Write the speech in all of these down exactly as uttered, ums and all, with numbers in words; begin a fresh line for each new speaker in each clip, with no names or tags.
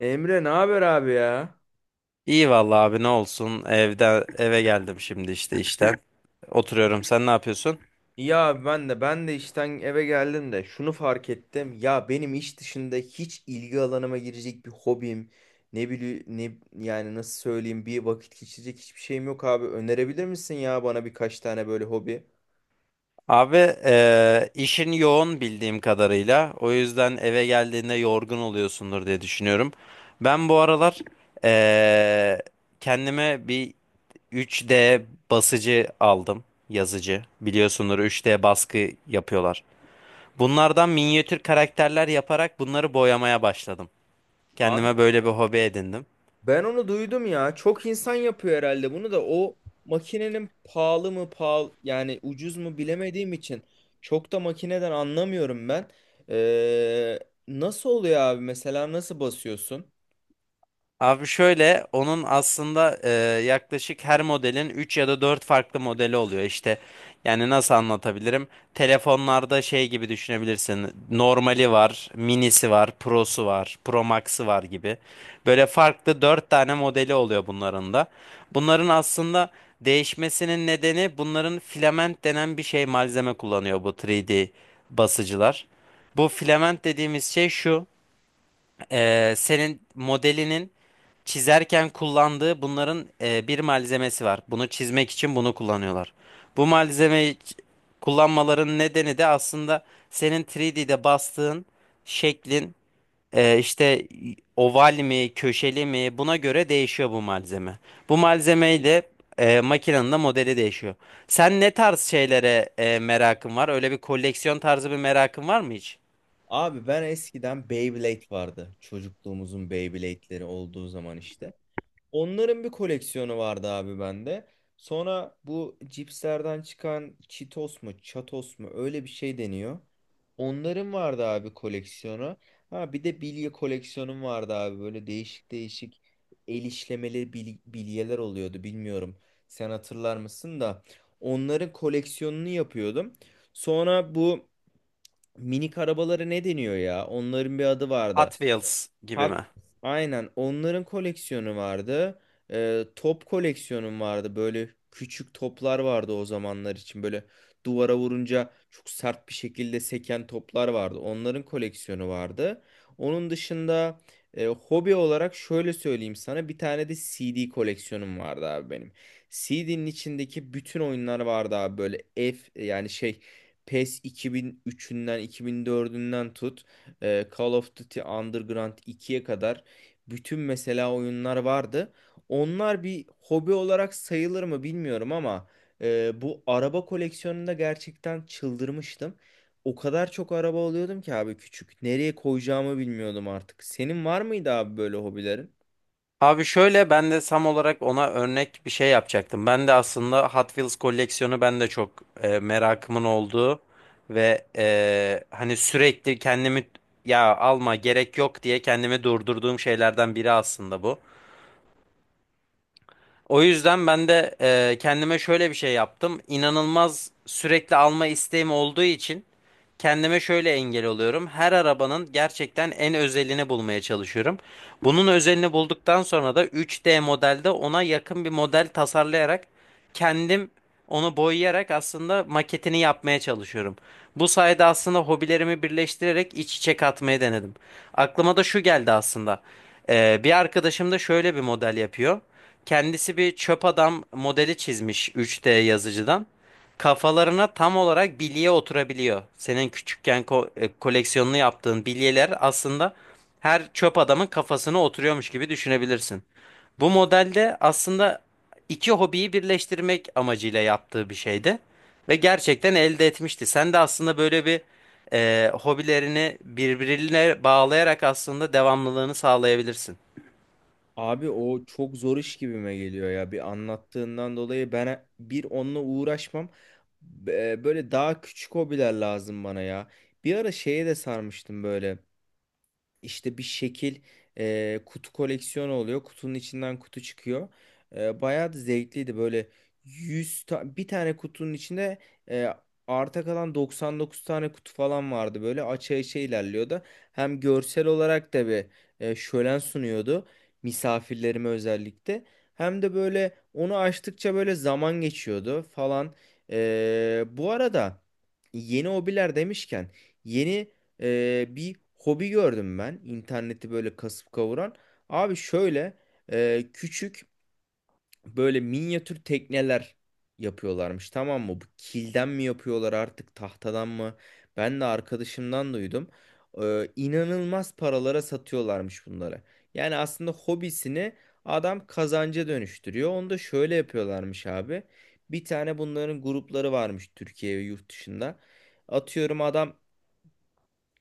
Emre ne haber abi ya?
İyi vallahi abi ne olsun. Evden eve geldim şimdi işte işten. Oturuyorum. Sen ne yapıyorsun?
İyi abi ben de ben de işten eve geldim de şunu fark ettim. Ya benim iş dışında hiç ilgi alanıma girecek bir hobim, ne bileyim ne yani nasıl söyleyeyim bir vakit geçirecek hiçbir şeyim yok abi. Önerebilir misin ya bana birkaç tane böyle hobi?
Abi eee, işin yoğun bildiğim kadarıyla. O yüzden eve geldiğinde yorgun oluyorsundur diye düşünüyorum. Ben bu aralar eee, kendime bir üç D basıcı aldım. Yazıcı. Biliyorsundur üç D baskı yapıyorlar. Bunlardan minyatür karakterler yaparak bunları boyamaya başladım. Kendime böyle bir hobi edindim.
Ben onu duydum ya. Çok insan yapıyor herhalde bunu da o makinenin pahalı mı pahalı yani ucuz mu bilemediğim için çok da makineden anlamıyorum ben. Ee, Nasıl oluyor abi mesela nasıl basıyorsun?
Abi şöyle onun aslında e, yaklaşık her modelin üç ya da dört farklı modeli oluyor. İşte yani nasıl anlatabilirim? Telefonlarda şey gibi düşünebilirsin. Normali var, minisi var, prosu var, pro max'ı var gibi. Böyle farklı dört tane modeli oluyor bunların da. Bunların aslında değişmesinin nedeni bunların filament denen bir şey malzeme kullanıyor bu üç D basıcılar. Bu filament dediğimiz şey şu. E, senin modelinin çizerken kullandığı bunların e, bir malzemesi var. Bunu çizmek için bunu kullanıyorlar. Bu malzemeyi ç- kullanmaların nedeni de aslında senin üç D'de bastığın şeklin e, işte oval mi, köşeli mi buna göre değişiyor bu malzeme. Bu malzemeyle e, makinenin de modeli değişiyor. Sen ne tarz şeylere e, merakın var? Öyle bir koleksiyon tarzı bir merakın var mı hiç?
Abi ben eskiden Beyblade vardı. Çocukluğumuzun Beyblade'leri olduğu zaman işte. Onların bir koleksiyonu vardı abi bende. Sonra bu cipslerden çıkan Cheetos mu, Chatos mu öyle bir şey deniyor. Onların vardı abi koleksiyonu. Ha bir de bilye koleksiyonum vardı abi. Böyle değişik değişik el işlemeli bil- bilyeler oluyordu bilmiyorum. Sen hatırlar mısın da onların koleksiyonunu yapıyordum. Sonra bu minik arabaları ne deniyor ya? Onların bir adı
Hot
vardı.
Wheels gibi
Hak,
mi?
aynen onların koleksiyonu vardı. Ee, top koleksiyonum vardı. Böyle küçük toplar vardı o zamanlar için. Böyle duvara vurunca çok sert bir şekilde seken toplar vardı. Onların koleksiyonu vardı. Onun dışında e, hobi olarak şöyle söyleyeyim sana bir tane de C D koleksiyonum vardı abi benim. C D'nin içindeki bütün oyunlar vardı abi böyle F yani şey PES iki bin üçünden iki bin dördünden tut e, Call of Duty Underground ikiye kadar bütün mesela oyunlar vardı. Onlar bir hobi olarak sayılır mı bilmiyorum ama e, bu araba koleksiyonunda gerçekten çıldırmıştım. O kadar çok araba alıyordum ki abi küçük. Nereye koyacağımı bilmiyordum artık. Senin var mıydı abi böyle hobilerin?
Abi şöyle ben de Sam olarak ona örnek bir şey yapacaktım. Ben de aslında Hot Wheels koleksiyonu ben de çok e, merakımın olduğu ve e, hani sürekli kendimi ya alma gerek yok diye kendimi durdurduğum şeylerden biri aslında bu. O yüzden ben de e, kendime şöyle bir şey yaptım. İnanılmaz sürekli alma isteğim olduğu için kendime şöyle engel oluyorum. Her arabanın gerçekten en özelini bulmaya çalışıyorum. Bunun özelini bulduktan sonra da üç D modelde ona yakın bir model tasarlayarak kendim onu boyayarak aslında maketini yapmaya çalışıyorum. Bu sayede aslında hobilerimi birleştirerek iç içe katmayı denedim. Aklıma da şu geldi aslında. Ee, bir arkadaşım da şöyle bir model yapıyor. Kendisi bir çöp adam modeli çizmiş üç D yazıcıdan. Kafalarına tam olarak bilye oturabiliyor. Senin küçükken ko- e, koleksiyonunu yaptığın bilyeler aslında her çöp adamın kafasına oturuyormuş gibi düşünebilirsin. Bu modelde aslında iki hobiyi birleştirmek amacıyla yaptığı bir şeydi ve gerçekten elde etmişti. Sen de aslında böyle bir e, hobilerini birbirine bağlayarak aslında devamlılığını sağlayabilirsin.
Abi o çok zor iş gibime geliyor ya. Bir anlattığından dolayı ben bir onunla uğraşmam. Be- Böyle daha küçük hobiler lazım bana ya. Bir ara şeye de sarmıştım böyle. İşte bir şekil e, kutu koleksiyonu oluyor. Kutunun içinden kutu çıkıyor. E, bayağı da zevkliydi böyle 100 ta- bir tane kutunun içinde e, arta kalan doksan dokuz tane kutu falan vardı. Böyle aça aça ilerliyordu. Hem görsel olarak da bir e, şölen sunuyordu misafirlerime özellikle. Hem de böyle onu açtıkça böyle zaman geçiyordu falan. E, bu arada yeni hobiler demişken yeni e, bir hobi gördüm ben. İnterneti böyle kasıp kavuran. Abi şöyle e, küçük böyle minyatür tekneler yapıyorlarmış tamam mı? Bu kilden mi yapıyorlar artık tahtadan mı? Ben de arkadaşımdan duydum. E, inanılmaz paralara satıyorlarmış bunları. Yani aslında hobisini adam kazanca dönüştürüyor. Onu da şöyle yapıyorlarmış abi. Bir tane bunların grupları varmış Türkiye ve yurt dışında. Atıyorum adam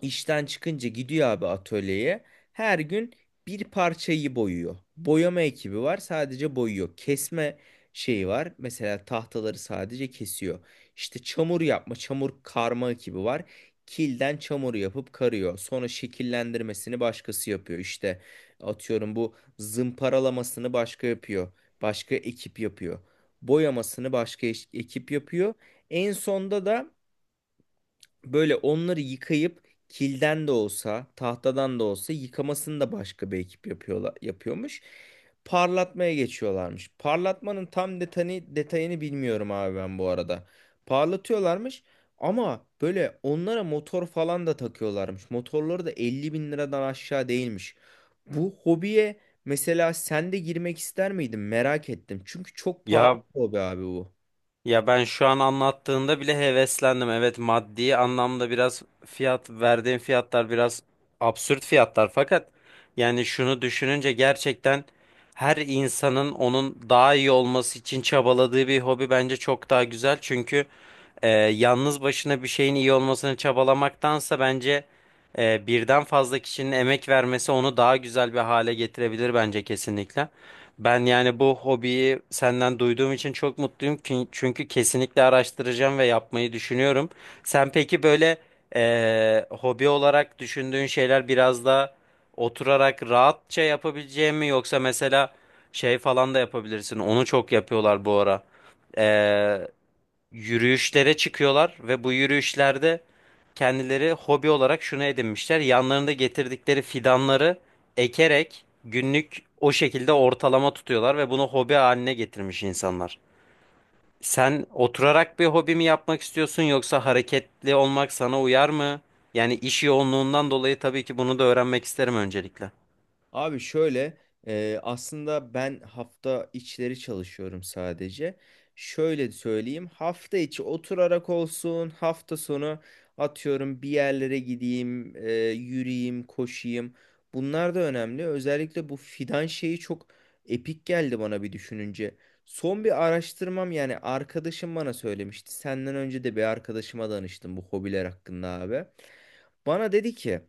İşten çıkınca gidiyor abi atölyeye. Her gün bir parçayı boyuyor. Boyama ekibi var, sadece boyuyor. Kesme şeyi var. Mesela tahtaları sadece kesiyor. İşte çamur yapma, çamur karma ekibi var. Kilden çamur yapıp karıyor. Sonra şekillendirmesini başkası yapıyor. İşte atıyorum bu zımparalamasını başka yapıyor. Başka ekip yapıyor. Boyamasını başka eş- ekip yapıyor. En sonda da böyle onları yıkayıp kilden de olsa, tahtadan da olsa yıkamasını da başka bir ekip yapıyorlar, yapıyormuş. Parlatmaya geçiyorlarmış. Parlatmanın tam detayını, detayını bilmiyorum abi ben bu arada. Parlatıyorlarmış ama böyle onlara motor falan da takıyorlarmış. Motorları da elli bin liradan aşağı değilmiş. Bu hobiye mesela sen de girmek ister miydin? Merak ettim. Çünkü çok pahalı
Ya
bir hobi abi bu.
Ya ben şu an anlattığında bile heveslendim. Evet maddi anlamda biraz fiyat verdiğim fiyatlar biraz absürt fiyatlar fakat yani şunu düşününce gerçekten her insanın onun daha iyi olması için çabaladığı bir hobi bence çok daha güzel. Çünkü e, yalnız başına bir şeyin iyi olmasını çabalamaktansa bence e, birden fazla kişinin emek vermesi onu daha güzel bir hale getirebilir bence kesinlikle. Ben yani bu hobiyi senden duyduğum için çok mutluyum ki çünkü kesinlikle araştıracağım ve yapmayı düşünüyorum. Sen peki böyle eee, hobi olarak düşündüğün şeyler biraz da oturarak rahatça yapabileceğin mi yoksa mesela şey falan da yapabilirsin. Onu çok yapıyorlar bu ara yürüyüşlere çıkıyorlar ve bu yürüyüşlerde kendileri hobi olarak şunu edinmişler. Yanlarında getirdikleri fidanları ekerek günlük o şekilde ortalama tutuyorlar ve bunu hobi haline getirmiş insanlar. Sen oturarak bir hobi mi yapmak istiyorsun yoksa hareketli olmak sana uyar mı? Yani iş yoğunluğundan dolayı tabii ki bunu da öğrenmek isterim öncelikle.
Abi şöyle e, aslında ben hafta içleri çalışıyorum sadece. Şöyle söyleyeyim hafta içi oturarak olsun hafta sonu atıyorum bir yerlere gideyim e, yürüyeyim koşayım. Bunlar da önemli. Özellikle bu fidan şeyi çok epik geldi bana bir düşününce. Son bir araştırmam yani arkadaşım bana söylemişti. Senden önce de bir arkadaşıma danıştım bu hobiler hakkında abi. Bana dedi ki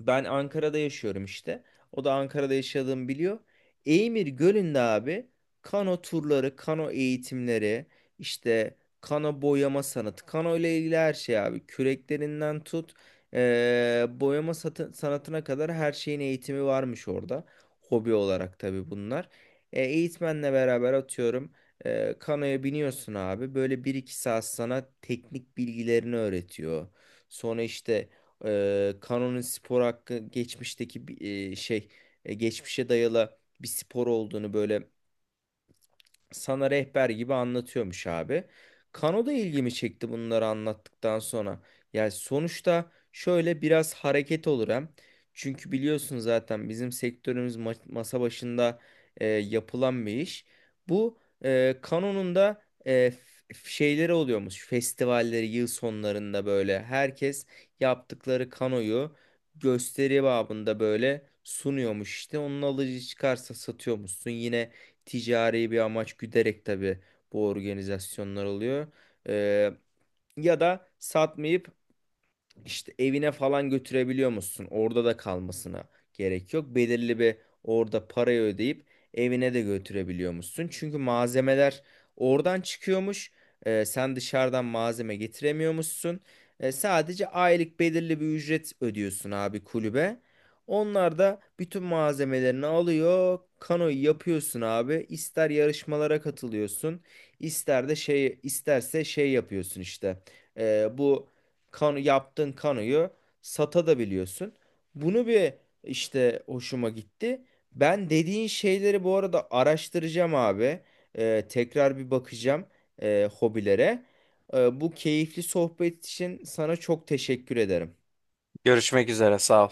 ben Ankara'da yaşıyorum işte. O da Ankara'da yaşadığımı biliyor. Eymir Gölü'nde abi kano turları, kano eğitimleri, işte kano boyama sanatı, kano ile ilgili her şey abi. Küreklerinden tut, eee, boyama satı- sanatına kadar her şeyin eğitimi varmış orada. Hobi olarak tabii bunlar. E, eğitmenle beraber atıyorum. Eee kanoya biniyorsun abi. Böyle bir iki saat sana teknik bilgilerini öğretiyor. Sonra işte ee, Kanon'un spor hakkı geçmişteki bir e, şey e, geçmişe dayalı bir spor olduğunu böyle sana rehber gibi anlatıyormuş abi. Kano da ilgimi çekti bunları anlattıktan sonra. Yani sonuçta şöyle biraz hareket olur hem. Çünkü biliyorsun zaten bizim sektörümüz ma- masa başında e, yapılan bir iş. Bu e, Kano'nun da e, f- şeyleri oluyormuş. Festivalleri yıl sonlarında böyle herkes yaptıkları Kano'yu gösteri babında böyle sunuyormuş işte. Onun alıcı çıkarsa satıyormuşsun. Yine ticari bir amaç güderek tabii bu organizasyonlar oluyor. Ee, Ya da satmayıp işte evine falan götürebiliyor musun? Orada da kalmasına gerek yok. Belirli bir orada parayı ödeyip evine de götürebiliyor musun? Çünkü malzemeler oradan çıkıyormuş. Ee, sen dışarıdan malzeme getiremiyormuşsun. Ee, sadece aylık belirli bir ücret ödüyorsun abi kulübe. Onlar da bütün malzemelerini alıyor. Kanoyu yapıyorsun abi. İster yarışmalara katılıyorsun, ister de şey isterse şey yapıyorsun işte. Ee, bu Kano, yaptığın kanoyu sata da biliyorsun. Bunu bir işte hoşuma gitti. Ben dediğin şeyleri bu arada araştıracağım abi. Ee, tekrar bir bakacağım e, hobilere. Ee, bu keyifli sohbet için sana çok teşekkür ederim.
Görüşmek üzere, sağ ol.